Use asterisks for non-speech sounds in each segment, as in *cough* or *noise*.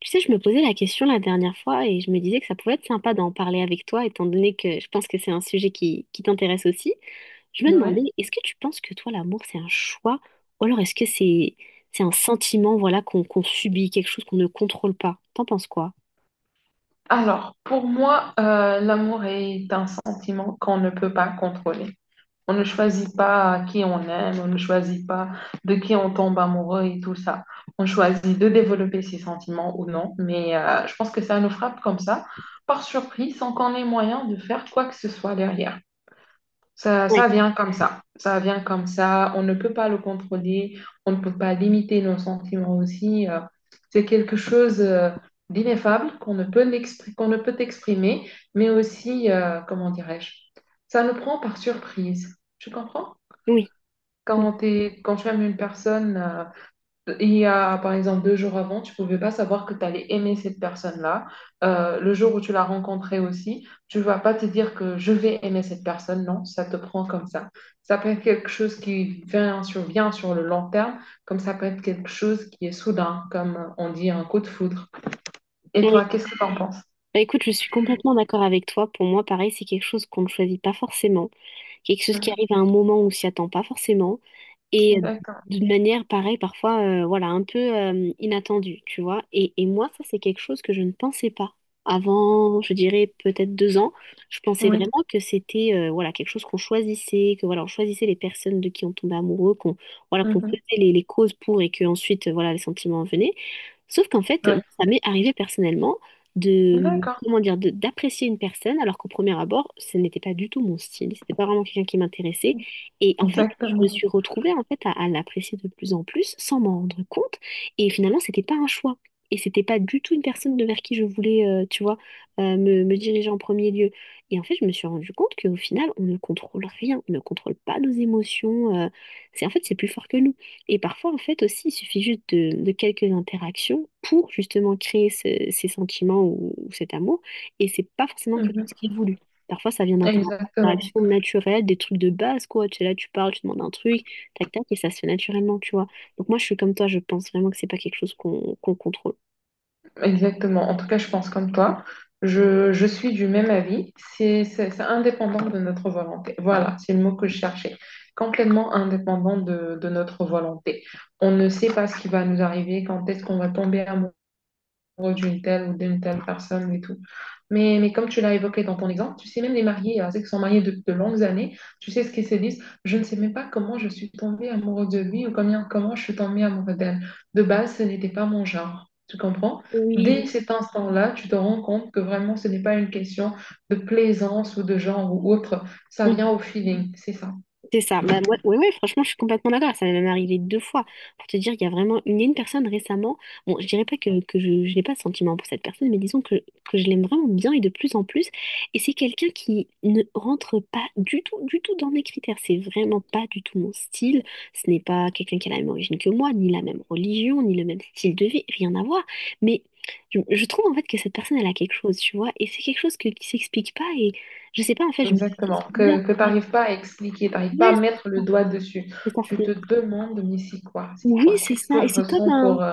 Tu sais, je me posais la question la dernière fois et je me disais que ça pouvait être sympa d'en parler avec toi, étant donné que je pense que c'est un sujet qui t'intéresse aussi. Je me demandais, Oui. est-ce que tu penses que toi, l'amour, c'est un choix, ou alors est-ce que c'est un sentiment, voilà, qu'on subit, quelque chose qu'on ne contrôle pas? T'en penses quoi? Alors, pour moi, l'amour est un sentiment qu'on ne peut pas contrôler. On ne choisit pas qui on aime, on ne choisit pas de qui on tombe amoureux et tout ça. On choisit de développer ses sentiments ou non, mais je pense que ça nous frappe comme ça, par surprise, sans qu'on ait moyen de faire quoi que ce soit derrière. Ça, Oui, ça vient comme ça. Ça vient comme ça. On ne peut pas le contrôler. On ne peut pas limiter nos sentiments aussi. C'est quelque chose d'ineffable qu'on ne peut exprimer, mais aussi, comment dirais-je, ça nous prend par surprise. Tu comprends? oui, Quand tu aimes une personne, il y a, par exemple, deux jours avant, tu pouvais pas savoir que tu allais aimer cette personne-là. Le jour où tu l'as rencontrée aussi, tu vas pas te dire que je vais aimer cette personne. Non, ça te prend comme ça. Ça peut être quelque chose vient sur le long terme, comme ça peut être quelque chose qui est soudain, comme on dit un coup de foudre. Et toi, oui. qu'est-ce que tu en penses? Bah, écoute, je suis complètement d'accord avec toi. Pour moi, pareil, c'est quelque chose qu'on ne choisit pas forcément, quelque chose qui Mhm. arrive à un moment où on s'y attend pas forcément, et D'accord. d'une manière pareille, parfois, voilà, un peu inattendue, tu vois. Et moi, ça, c'est quelque chose que je ne pensais pas. Avant, je dirais peut-être 2 ans, je pensais Oui. vraiment que c'était voilà quelque chose qu'on choisissait, que voilà on choisissait les personnes de qui on tombait amoureux, qu'on voilà qu'on Mhm. faisait les causes pour et que ensuite voilà les sentiments venaient. Sauf qu'en fait, moi, Ouais. ça m'est arrivé personnellement de, D'accord. comment dire, d'apprécier une personne alors qu'au premier abord, ce n'était pas du tout mon style, c'était pas vraiment quelqu'un qui m'intéressait. Et en fait, je me Exactement. suis retrouvée en fait à l'apprécier de plus en plus sans m'en rendre compte. Et finalement, c'était pas un choix. Et c'était pas du tout une personne de vers qui je voulais, tu vois, me diriger en premier lieu. Et en fait, je me suis rendu compte qu'au final, on ne contrôle rien, on ne contrôle pas nos émotions. C'est en fait, c'est plus fort que nous. Et parfois, en fait, aussi, il suffit juste de quelques interactions pour justement créer ces sentiments ou cet amour. Et c'est pas forcément quelque Mhm. chose qui est voulu. Parfois, ça vient Exactement. d'interactions naturelles, des trucs de base, quoi. Tu es là, tu parles, tu demandes un truc, tac, tac, et ça se fait naturellement, tu vois. Donc moi, je suis comme toi, je pense vraiment que c'est pas quelque chose qu'on contrôle. Exactement, en tout cas, je pense comme toi. Je suis du même avis. C'est indépendant de notre volonté. Voilà, c'est le mot que je cherchais. Complètement indépendant de notre volonté. On ne sait pas ce qui va nous arriver, quand est-ce qu'on va tomber amoureux d'une telle ou d'une telle personne et tout. Mais comme tu l'as évoqué dans ton exemple, tu sais, même les mariés, ceux qui sont mariés de longues années, tu sais ce qu'ils se disent, je ne sais même pas comment je suis tombée amoureuse de lui ou combien, comment je suis tombée amoureuse d'elle. De base, ce n'était pas mon genre. Tu comprends? Dès Oui. cet instant-là, tu te rends compte que vraiment, ce n'est pas une question de plaisance ou de genre ou autre. Ça vient au feeling, c'est ça. C'est ça. Bah, moi, ouais, ouais, franchement, je suis complètement d'accord. Ça m'est même arrivé 2 fois. Pour te dire, il y a vraiment une, il y a une personne récemment. Bon, je dirais pas que, que je n'ai pas de sentiment pour cette personne, mais disons que je l'aime vraiment bien et de plus en plus. Et c'est quelqu'un qui ne rentre pas du tout, du tout dans mes critères. C'est vraiment pas du tout mon style. Ce n'est pas quelqu'un qui a la même origine que moi, ni la même religion, ni le même style de vie. Rien à voir. Mais je trouve en fait que cette personne, elle a quelque chose, tu vois. Et c'est quelque chose que, qui s'explique pas. Et je sais pas, en fait, je me dis, Exactement, c'est bizarre. Que tu n'arrives pas à expliquer, tu n'arrives pas à Ouais, mettre le doigt dessus. et ça Tu fait... te demandes, mais c'est quoi, c'est Oui, quoi? c'est Qu'est-ce que ça. je Et c'est comme ressens un...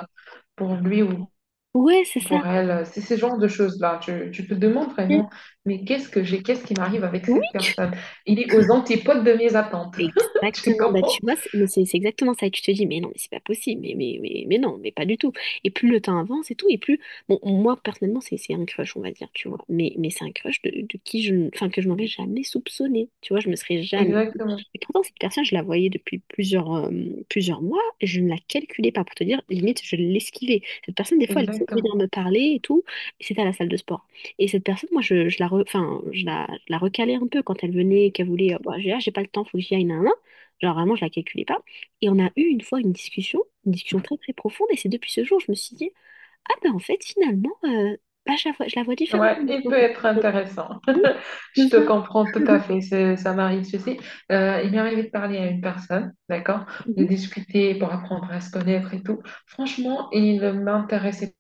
pour lui ou Ouais, c'est ça. pour elle? C'est ce genre de choses-là. Tu te demandes Et- vraiment, mais qu'est-ce que j'ai, qu'est-ce qui m'arrive avec Oui, cette personne? Il est aux antipodes de mes attentes. *laughs* Tu exactement. Bah, comprends? tu vois, c'est mais c'est exactement ça. Et tu te dis, mais non, mais c'est pas possible. Mais non, mais pas du tout. Et plus le temps avance et tout, et plus... Bon, moi, personnellement, c'est un crush, on va dire, tu vois. Mais c'est un crush de qui je... Enfin, que je m'aurais jamais soupçonné. Tu vois, je me serais jamais... Exactement, Et pourtant, cette personne, je la voyais depuis plusieurs, plusieurs mois. Je ne la calculais pas. Pour te dire, limite, je l'esquivais. Cette personne, des fois, elle essayait de exactement. venir me parler et tout. Et c'était à la salle de sport. Et cette personne, moi, enfin, je la recalais un peu quand elle venait, qu'elle voulait, bah, j'ai pas le temps, faut que j'y aille, nan, nan, genre vraiment, je la calculais pas. Et on a eu une fois une discussion très très profonde. Et c'est depuis ce jour, je me suis dit, ah ben en fait, finalement, bah, je la vois différemment Ouais, il peut maintenant. être intéressant. Oui, *laughs* c'est Je te ça. comprends tout à fait, ça m'arrive ceci. Il m'est arrivé de parler à une personne, d'accord, de Mhm. discuter pour apprendre à se connaître et tout. Franchement, il m'intéressait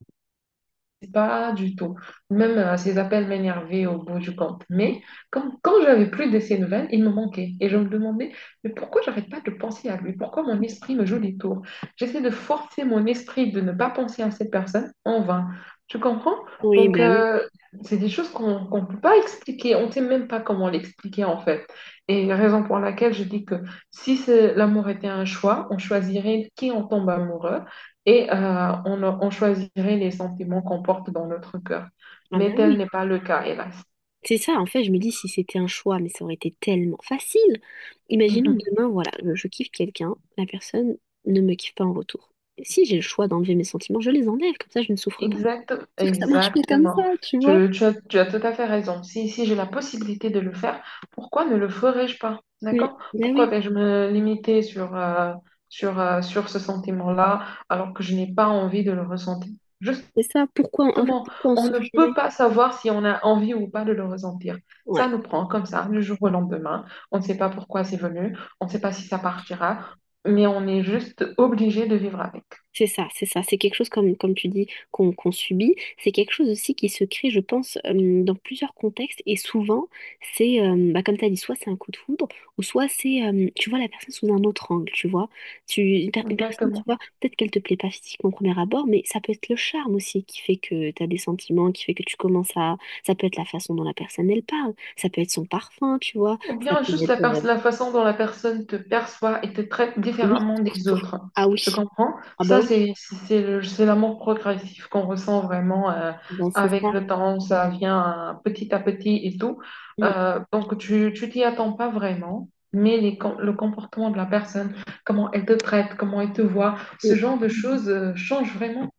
pas du tout. Même ces appels m'énervaient au bout du compte. Mais comme, quand j'avais plus de ces nouvelles, il me manquait. Et je me demandais, mais pourquoi j'arrête pas de penser à lui? Pourquoi mon esprit me joue des tours? J'essaie de forcer mon esprit de ne pas penser à cette personne en vain. Tu comprends? Oui, Donc, bah oui. C'est des choses qu'on ne peut pas expliquer. On ne sait même pas comment l'expliquer en fait. Et raison pour laquelle je dis que si l'amour était un choix, on choisirait qui on tombe amoureux et on choisirait les sentiments qu'on porte dans notre cœur. Ah Mais ben tel oui. n'est pas le cas, hélas. C'est ça, en fait, je me dis si c'était un choix, mais ça aurait été tellement facile. Imaginons Mhm. que demain, voilà, je kiffe quelqu'un, la personne ne me kiffe pas en retour. Si j'ai le choix d'enlever mes sentiments, je les enlève, comme ça je ne souffre pas. Exact, Sauf que ça marche pas comme... exactement. Tu as tout à fait raison. Si j'ai la possibilité de le faire, pourquoi ne le ferais-je pas? D'accord? mais Pourquoi oui, vais-je me limiter sur ce sentiment-là alors que je n'ai pas envie de le ressentir? Juste c'est ça, pourquoi, en fait, Justement, pourquoi on on ne peut souffrirait? pas savoir si on a envie ou pas de le ressentir. Ouais. Ça nous prend comme ça, du jour au lendemain. On ne sait pas pourquoi c'est venu, on ne sait pas si ça partira, mais on est juste obligé de vivre avec. C'est ça, c'est ça. C'est quelque chose, comme, comme tu dis, qu'on subit. C'est quelque chose aussi qui se crée, je pense, dans plusieurs contextes. Et souvent, c'est, bah, comme tu as dit, soit c'est un coup de foudre, ou soit c'est, tu vois la personne sous un autre angle, tu vois. Une personne, tu Exactement. vois, peut-être qu'elle te plaît pas physiquement au premier abord, mais ça peut être le charme aussi qui fait que tu as des sentiments, qui fait que tu commences à... Ça peut être la façon dont la personne, elle parle. Ça peut être son parfum, tu vois. Ou Ça bien peut juste être... la façon dont la personne te perçoit et te traite oui, différemment des surtout. autres. Ah Tu oui. comprends? Ah bah Ça, oui, c'est l'amour progressif qu'on ressent vraiment bah, c'est avec ça. le temps. Ça vient petit à petit et tout. Mm, Donc, tu t'y attends pas vraiment, mais le comportement de la personne, comment elle te traite, comment elle te voit, mm. ce genre de choses change vraiment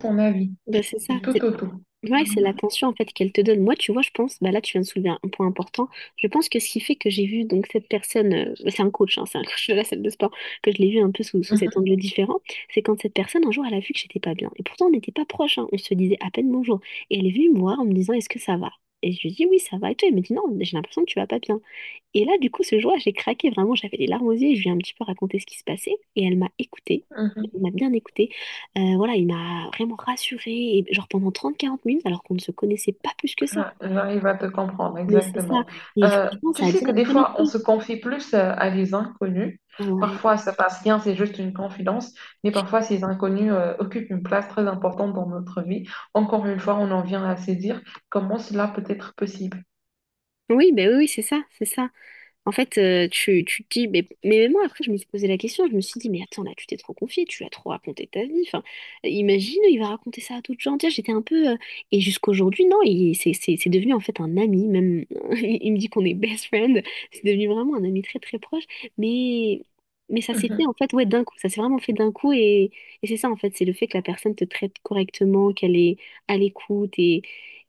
ton avis Ben, c'est ça. du tout C'est au tout. ouais, c'est l'attention en fait qu'elle te donne. Moi, tu vois, je pense, bah là, tu viens de soulever un point important. Je pense que ce qui fait que j'ai vu donc cette personne, bah, c'est un coach, hein, c'est un *laughs* coach de la salle de sport, que je l'ai vu un peu sous cet angle différent, c'est quand cette personne, un jour, elle a vu que j'étais pas bien. Et pourtant, on n'était pas proches, hein, on se disait à peine bonjour. Et elle est venue me voir en me disant, est-ce que ça va? Et je lui dis, oui, ça va. Et toi, elle me dit, non, j'ai l'impression que tu vas pas bien. Et là, du coup, ce jour-là, j'ai craqué vraiment, j'avais les larmes aux yeux, et je lui ai un petit peu raconté ce qui se passait, et elle m'a écoutée. Mhm. Il m'a bien écoutée. Voilà, il m'a vraiment rassurée, et genre pendant 30, 40 minutes, alors qu'on ne se connaissait pas plus que ça. Ah, j'arrive à te comprendre, Mais c'est ça. exactement. Et franchement, Tu ça a sais que direct des fois, on connecté. se confie plus à des inconnus. Ouais. Parfois, ça passe bien, c'est juste une confidence, mais parfois, ces inconnus occupent une place très importante dans notre vie. Encore une fois, on en vient à se dire comment cela peut être possible. Oui, ben oui, oui, c'est ça, c'est ça. En fait, tu te dis, mais même moi, après, je me suis posé la question, je me suis dit, mais attends, là, tu t'es trop confié, tu l'as trop raconté ta vie. Enfin, imagine, il va raconter ça à d'autres gens. Tiens, j'étais un peu. Et jusqu'aujourd'hui, non, c'est devenu en fait un ami, même. *laughs* Il me dit qu'on est best friend. C'est devenu vraiment un ami très, très proche. Mais, mais ça s'est fait, Mhm. en fait, ouais, d'un coup. Ça s'est vraiment fait d'un coup. Et c'est ça, en fait, c'est le fait que la personne te traite correctement, qu'elle est à l'écoute. Et,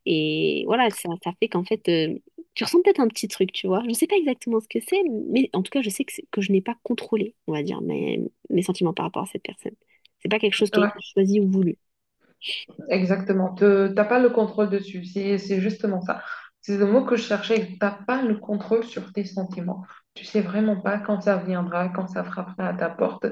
et voilà, ça fait qu'en fait. Tu ressens peut-être un petit truc, tu vois. Je ne sais pas exactement ce que c'est, mais en tout cas, je sais que, que je n'ai pas contrôlé, on va dire, mes sentiments par rapport à cette personne. C'est pas quelque chose qui a été Ouais. choisi ou voulu. Exactement. Tu n'as pas le contrôle dessus. C'est justement ça. C'est le mot que je cherchais. Tu n'as pas le contrôle sur tes sentiments. Tu sais vraiment pas quand ça viendra, quand ça frappera à ta porte.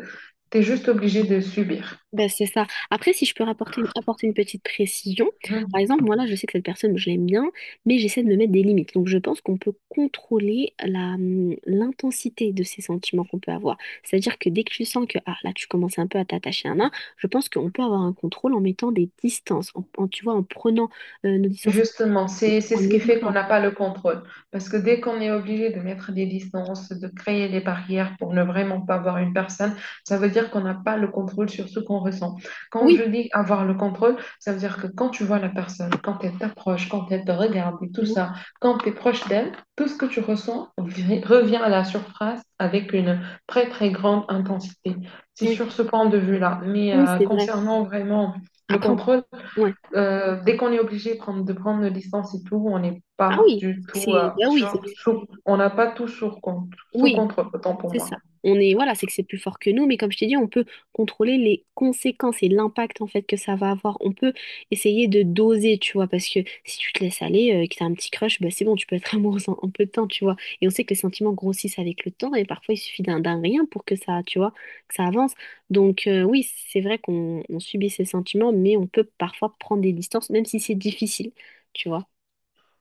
Tu es juste obligé de subir. Ben, c'est ça. Après, si je peux rapporter apporter une petite précision, par exemple, moi là, je sais que cette personne, je l'aime bien, mais j'essaie de me mettre des limites. Donc, je pense qu'on peut contrôler la, l'intensité de ces sentiments qu'on peut avoir. C'est-à-dire que dès que tu sens que ah, là, tu commences un peu à t'attacher à un nain, je pense qu'on peut avoir un contrôle en mettant des distances, tu vois, en prenant nos distances Justement, c'est en ce qui fait qu'on évitant. n'a pas le contrôle. Parce que dès qu'on est obligé de mettre des distances, de créer des barrières pour ne vraiment pas voir une personne, ça veut dire qu'on n'a pas le contrôle sur ce qu'on ressent. Quand je Oui, dis avoir le contrôle, ça veut dire que quand tu vois la personne, quand elle t'approche, quand elle te regarde et tout mhm, ça, quand tu es proche d'elle, tout ce que tu revient à la surface avec une très très grande intensité. C'est oui, sur ce point de vue-là. Mais oui, c'est vrai. concernant vraiment le Après, on- contrôle, ouais. Dès qu'on est obligé de prendre nos licences et tout, on n'est Ah pas oui, du tout c'est, bah oui, c'est- on n'a pas sous oui, contrôle, autant pour c'est ça. moi. On est, voilà, c'est que c'est plus fort que nous, mais comme je t'ai dit, on peut contrôler les conséquences et l'impact en fait que ça va avoir. On peut essayer de doser, tu vois, parce que si tu te laisses aller, que t'as un petit crush, bah c'est bon, tu peux être *laughs* amoureuse en peu de temps, tu vois. Et on sait que les sentiments grossissent avec le temps, et parfois il suffit d'un rien pour que ça, tu vois, que ça avance. Donc oui, c'est vrai qu'on on subit ces sentiments, mais on peut parfois prendre des distances, même si c'est difficile, tu vois.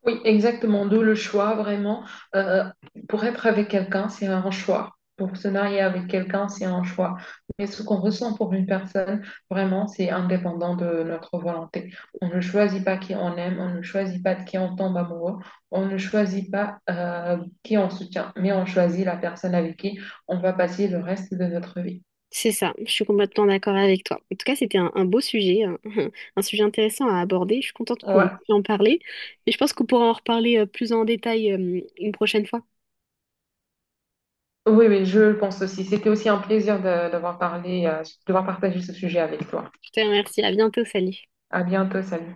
Oui, exactement. D'où le choix, vraiment. Euh, pour être avec quelqu'un, c'est un choix. Pour se marier avec quelqu'un, c'est un choix. Mais ce qu'on ressent pour une personne, vraiment, c'est indépendant de notre volonté. On ne choisit pas qui on aime, on ne choisit pas de qui on tombe amoureux, on ne choisit pas qui on soutient, mais on choisit la personne avec qui on va passer le reste de notre vie. C'est ça, je suis complètement d'accord avec toi. En tout cas, c'était un beau sujet, un, *laughs* un sujet intéressant à aborder. Je suis contente qu'on ait Ouais. pu en parler, mais je pense qu'on pourra en reparler plus en détail une prochaine fois. Oui, oui, je le pense aussi. C'était aussi un plaisir de, d'avoir parlé, de devoir partager ce sujet avec toi. Je te remercie, à bientôt, salut. À bientôt, salut.